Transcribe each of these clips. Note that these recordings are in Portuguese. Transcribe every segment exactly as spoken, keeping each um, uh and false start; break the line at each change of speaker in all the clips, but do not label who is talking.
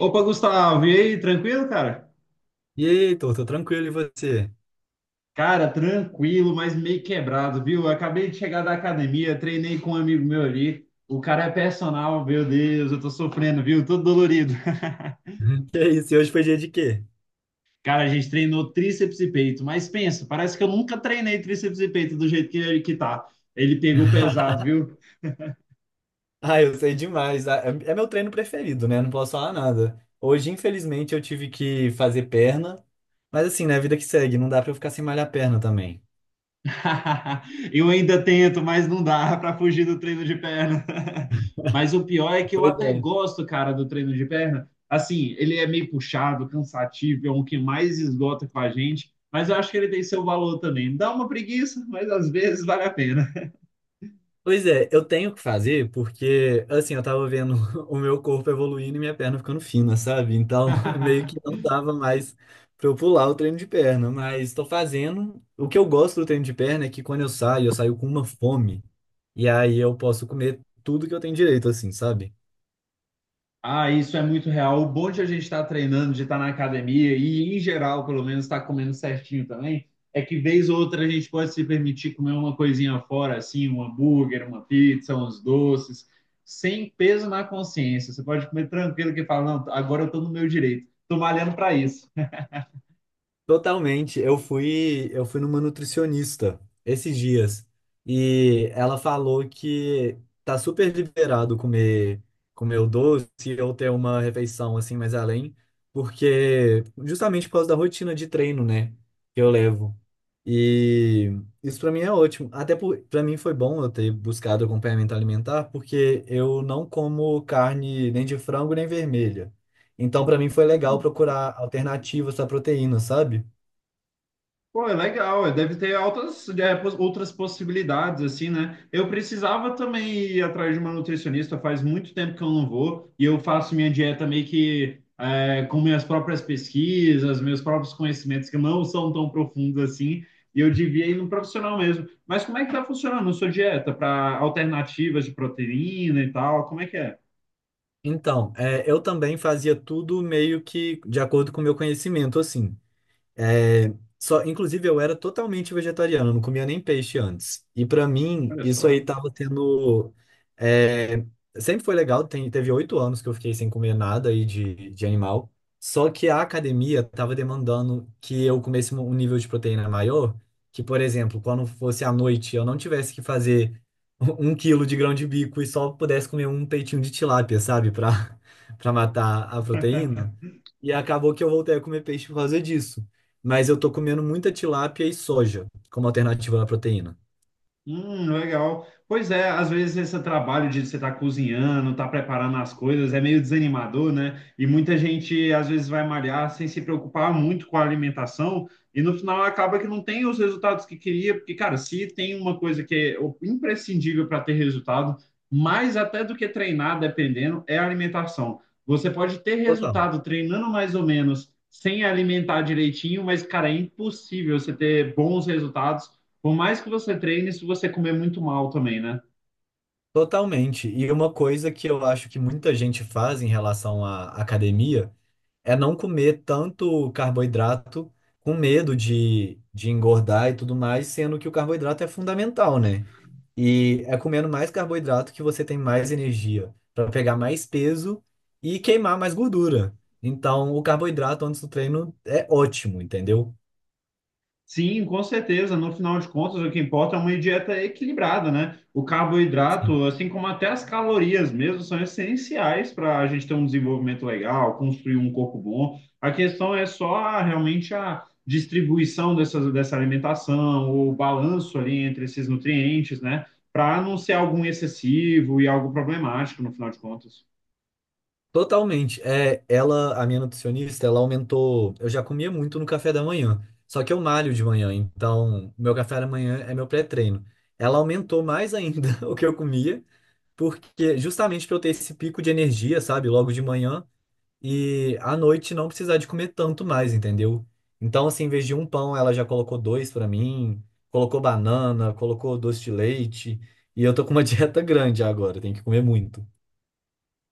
Opa, Gustavo, e aí, tranquilo, cara?
E aí, Heitor, tô tranquilo, e você?
Cara, tranquilo, mas meio quebrado, viu? Eu acabei de chegar da academia, treinei com um amigo meu ali. O cara é personal, meu Deus, eu tô sofrendo, viu? Todo dolorido.
Uhum. Que isso, e hoje foi dia de quê?
Cara, a gente treinou tríceps e peito, mas pensa, parece que eu nunca treinei tríceps e peito do jeito que ele que tá. Ele pegou pesado, viu?
Ah, eu sei demais. Ah, É é meu treino preferido, né? Não posso falar nada. Hoje, infelizmente, eu tive que fazer perna, mas assim, né? A vida que segue, não dá pra eu ficar sem malhar perna também.
Eu ainda tento, mas não dá para fugir do treino de perna. Mas o pior é que eu
Pois
até
é.
gosto, cara, do treino de perna. Assim, ele é meio puxado, cansativo, é um que mais esgota com a gente, mas eu acho que ele tem seu valor também. Dá uma preguiça, mas às vezes vale a pena.
Pois é, eu tenho que fazer porque, assim, eu tava vendo o meu corpo evoluindo e minha perna ficando fina, sabe? Então, meio que não dava mais pra eu pular o treino de perna, mas tô fazendo. O que eu gosto do treino de perna é que quando eu saio, eu saio com uma fome. E aí eu posso comer tudo que eu tenho direito, assim, sabe?
Ah, isso é muito real. O bom de a gente estar treinando, de estar na academia e, em geral, pelo menos, estar comendo certinho também, é que, vez ou outra, a gente pode se permitir comer uma coisinha fora, assim, um hambúrguer, uma pizza, uns doces, sem peso na consciência. Você pode comer tranquilo que fala, não, agora eu estou no meu direito. Estou malhando para isso.
Totalmente. Eu fui, eu fui numa nutricionista esses dias e ela falou que tá super liberado comer comer o doce ou ter uma refeição assim mais além, porque justamente por causa da rotina de treino, né, que eu levo. E isso pra mim é ótimo. Até por, para mim foi bom eu ter buscado acompanhamento alimentar, porque eu não como carne nem de frango nem vermelha. Então pra mim foi legal
Hum.
procurar alternativas à proteína, sabe?
Pô, é legal, é, deve ter altas, é, pos- outras possibilidades, assim, né? Eu precisava também ir atrás de uma nutricionista, faz muito tempo que eu não vou, e eu faço minha dieta meio que é, com minhas próprias pesquisas, meus próprios conhecimentos, que não são tão profundos assim, e eu devia ir num profissional mesmo. Mas como é que tá funcionando a sua dieta para alternativas de proteína e tal? Como é que é?
Então, é, eu também fazia tudo meio que de acordo com o meu conhecimento, assim. É, só, inclusive, eu era totalmente vegetariano, não comia nem peixe antes. E pra mim,
Olha
isso
só.
aí tava tendo. É, sempre foi legal, tem- teve oito anos que eu fiquei sem comer nada aí de, de animal. Só que a academia tava demandando que eu comesse um nível de proteína maior, que, por exemplo, quando fosse à noite, eu não tivesse que fazer um quilo de grão de bico e só pudesse comer um peitinho de tilápia, sabe? Pra, pra matar a proteína. E acabou que eu voltei a comer peixe por causa disso, mas eu tô comendo muita tilápia e soja como alternativa à proteína.
Hum, legal. Pois é, às vezes esse trabalho de você estar cozinhando, estar preparando as coisas é meio desanimador, né? E muita gente às vezes vai malhar sem se preocupar muito com a alimentação e no final acaba que não tem os resultados que queria, porque, cara, se tem uma coisa que é o- imprescindível para ter resultado, mais até do que treinar, dependendo, é a alimentação. Você pode ter
Total.
resultado treinando mais ou menos sem alimentar direitinho, mas, cara, é impossível você ter bons resultados por mais que você treine, se você comer muito mal também, né?
Totalmente. E uma coisa que eu acho que muita gente faz em relação à academia é não comer tanto carboidrato com medo de, de engordar e tudo mais, sendo que o carboidrato é fundamental, né? E é comendo mais carboidrato que você tem mais energia para pegar mais peso e queimar mais gordura. Então, o carboidrato antes do treino é ótimo, entendeu?
Sim, com certeza. No final de contas, o que importa é uma dieta equilibrada, né? O carboidrato, assim como até as calorias mesmo, são essenciais para a gente ter um desenvolvimento legal, construir um corpo bom. A questão é só a- realmente a distribuição dessas, dessa alimentação, o balanço ali entre esses nutrientes, né? Para não ser algum excessivo e algo problemático, no final de contas.
Totalmente. É, ela, a minha nutricionista, ela aumentou. Eu já comia muito no café da manhã, só que eu malho de manhã, então meu café da manhã é meu pré-treino. Ela aumentou mais ainda o que eu comia, porque justamente para eu ter esse pico de energia, sabe, logo de manhã e à noite não precisar de comer tanto mais, entendeu? Então, assim, em vez de um pão, ela já colocou dois para mim, colocou banana, colocou doce de leite, e eu tô com uma dieta grande agora, tenho que comer muito.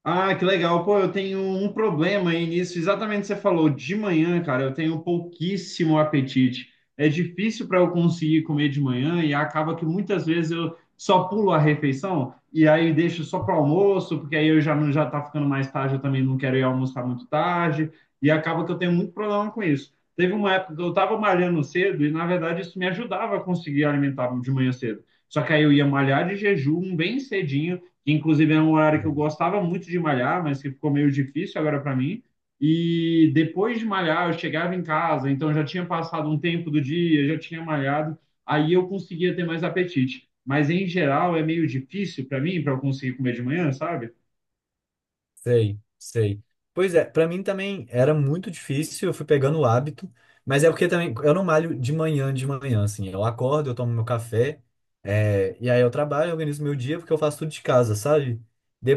Ah, que legal. Pô, eu tenho um problema aí nisso. Exatamente o que você falou. De manhã, cara, eu tenho pouquíssimo apetite. É difícil para eu conseguir comer de manhã e acaba que muitas vezes eu só pulo a refeição e aí deixo só para almoço, porque aí eu já não já tá ficando mais tarde, eu também não quero ir almoçar muito tarde e acaba que eu tenho muito problema com isso. Teve uma época que eu estava malhando cedo e na verdade isso me ajudava a conseguir alimentar de manhã cedo. Só que aí eu ia malhar de jejum bem cedinho que inclusive é um horário que eu gostava muito de malhar, mas que ficou meio difícil agora para mim. E depois de malhar, eu chegava em casa, então já tinha passado um tempo do dia, já tinha malhado, aí eu conseguia ter mais apetite. Mas em geral é meio difícil para mim, para eu conseguir comer de manhã, sabe?
Sei, sei. Pois é, pra mim também era muito difícil, eu fui pegando o hábito, mas é porque também eu não malho de manhã, de manhã, assim, eu acordo, eu tomo meu café, é, e aí eu trabalho, eu organizo meu dia, porque eu faço tudo de casa, sabe?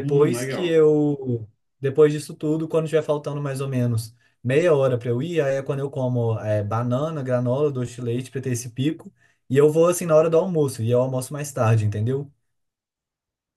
Hum,
que
legal.
eu, Depois disso tudo, quando tiver faltando mais ou menos meia hora pra eu ir, aí é quando eu como, é, banana, granola, doce de leite pra ter esse pico, e eu vou assim na hora do almoço, e eu almoço mais tarde, entendeu?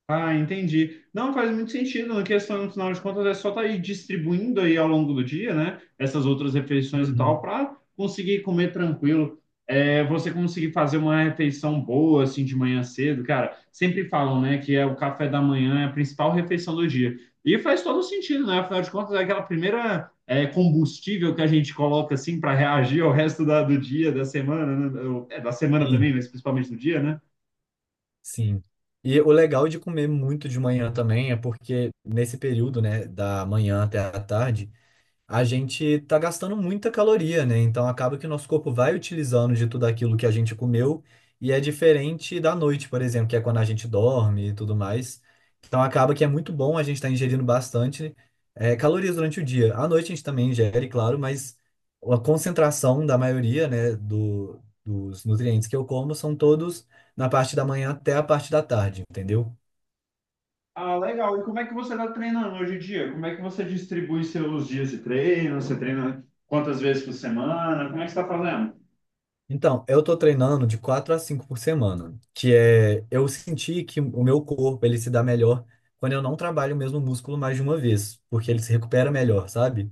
Ah, entendi. Não faz muito sentido, na questão, no final de contas, é só estar aí distribuindo aí ao longo do dia, né? Essas outras refeições e tal,
Uhum.
para conseguir comer tranquilo. É, você conseguir fazer uma refeição boa, assim, de manhã cedo, cara. Sempre falam, né, que é o café da manhã é a principal refeição do dia. E faz todo sentido, né? Afinal de contas, é aquela primeira é, combustível que a gente coloca, assim, para reagir ao resto da- do dia, da semana, né? É, da semana
Sim.
também, mas principalmente do dia, né?
Sim. E o legal de comer muito de manhã também é porque nesse período, né, da manhã até a tarde, a gente tá gastando muita caloria, né? Então acaba que o nosso corpo vai utilizando de tudo aquilo que a gente comeu e é diferente da noite, por exemplo, que é quando a gente dorme e tudo mais. Então acaba que é muito bom a gente estar ingerindo bastante eh, calorias durante o dia. À noite a gente também ingere, claro, mas a concentração da maioria, né, do, dos nutrientes que eu como são todos na parte da manhã até a parte da tarde, entendeu?
Ah, legal. E como é que você está treinando hoje em dia? Como é que você distribui seus dias de treino? Você treina quantas vezes por semana? Como é que você está fazendo?
Então, eu tô treinando de quatro a cinco por semana, que é eu senti que o meu corpo ele se dá melhor quando eu não trabalho o mesmo músculo mais de uma vez, porque ele se recupera melhor, sabe?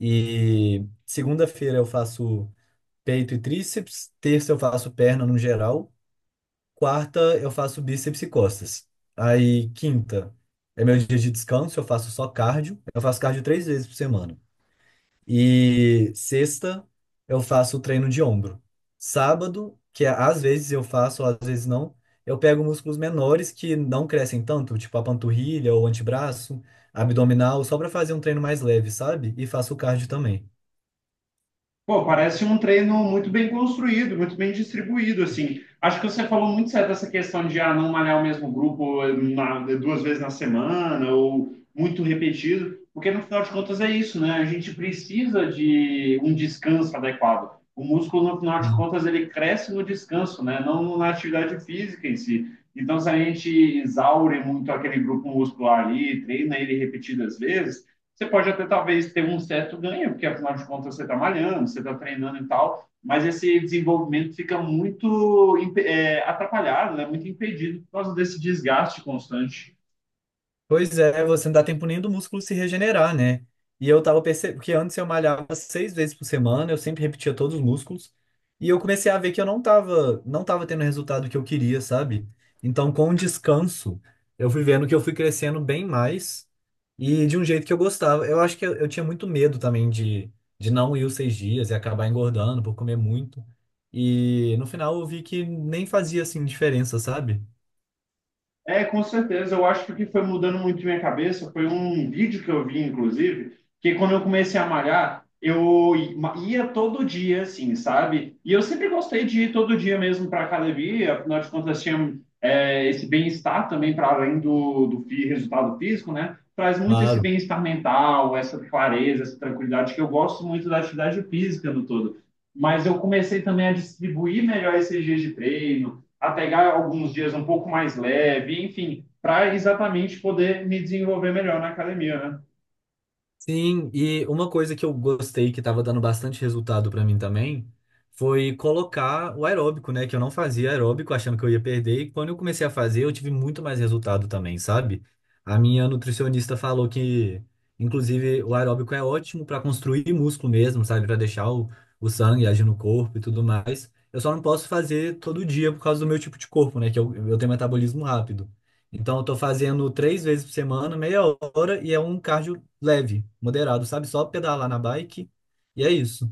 E segunda-feira eu faço peito e tríceps, terça eu faço perna no geral, quarta eu faço bíceps e costas. Aí quinta é meu dia de descanso, eu faço só cardio, eu faço cardio três vezes por semana. E sexta eu faço o treino de ombro. Sábado, que é, às vezes eu faço, às vezes não, eu pego músculos menores que não crescem tanto, tipo a panturrilha ou antebraço, abdominal, só para fazer um treino mais leve, sabe? E faço o cardio também.
Pô, parece um treino muito bem construído, muito bem distribuído, assim. Acho que você falou muito certo essa questão de ah, não malhar o mesmo grupo eh, na- duas vezes na semana ou muito repetido, porque no final de contas é isso, né? A gente precisa de um descanso adequado. O músculo, no final de contas, ele cresce no descanso, né? Não na atividade física em si. Então, se a gente exaure muito aquele grupo muscular ali, treina ele repetidas vezes, você pode até talvez ter um certo ganho, porque afinal de contas você está malhando, você está treinando e tal, mas esse desenvolvimento fica muito é, atrapalhado, né? Muito impedido por causa desse desgaste constante.
Pois é, você não dá tempo nem do músculo se regenerar, né? E eu tava percebendo que antes eu malhava seis vezes por semana, eu sempre repetia todos os músculos, e eu comecei a ver que eu não tava, não tava tendo o resultado que eu queria, sabe? Então, com o descanso, eu fui vendo que eu fui crescendo bem mais e de um jeito que eu gostava. Eu acho que eu, eu tinha muito medo também de, de não ir os seis dias e acabar engordando por comer muito. E no final eu vi que nem fazia assim diferença, sabe?
É, com certeza. Eu acho que o que foi mudando muito minha cabeça foi um vídeo que eu vi, inclusive, que quando eu comecei a malhar, eu ia todo dia, assim, sabe? E eu sempre gostei de ir todo dia mesmo para academia, afinal de contas, tinha é, esse bem-estar também para além do, do fi- resultado físico, né? Traz muito esse
Claro.
bem-estar mental, essa clareza, essa tranquilidade, que eu gosto muito da atividade física no todo. Mas eu comecei também a distribuir melhor esses dias de treino a pegar alguns dias um pouco mais leve, enfim, para exatamente poder me desenvolver melhor na academia, né?
Sim, e uma coisa que eu gostei que estava dando bastante resultado para mim também foi colocar o aeróbico, né? Que eu não fazia aeróbico achando que eu ia perder, e quando eu comecei a fazer, eu tive muito mais resultado também, sabe? A minha nutricionista falou que, inclusive, o aeróbico é ótimo para construir músculo mesmo, sabe? Para deixar o, o sangue agir no corpo e tudo mais. Eu só não posso fazer todo dia por causa do meu tipo de corpo, né? Que eu, eu tenho metabolismo rápido. Então, eu tô fazendo três vezes por semana, meia hora, e é um cardio leve, moderado, sabe? Só pedalar na bike. E é isso.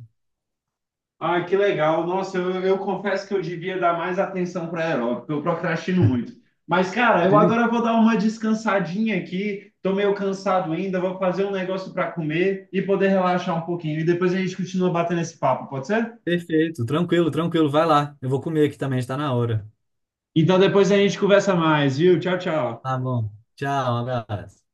Ah, que legal. Nossa, eu, eu confesso que eu devia dar mais atenção para aeróbico, porque eu procrastino muito. Mas, cara, eu
Ele-
agora vou dar uma descansadinha aqui, tô meio cansado ainda, vou fazer um negócio para comer e poder relaxar um pouquinho. E depois a gente continua batendo esse papo, pode ser?
Perfeito, tranquilo, tranquilo. Vai lá. Eu vou comer aqui também, está na hora.
Então depois a gente conversa mais, viu? Tchau, tchau.
Tá bom. Tchau, um abraço.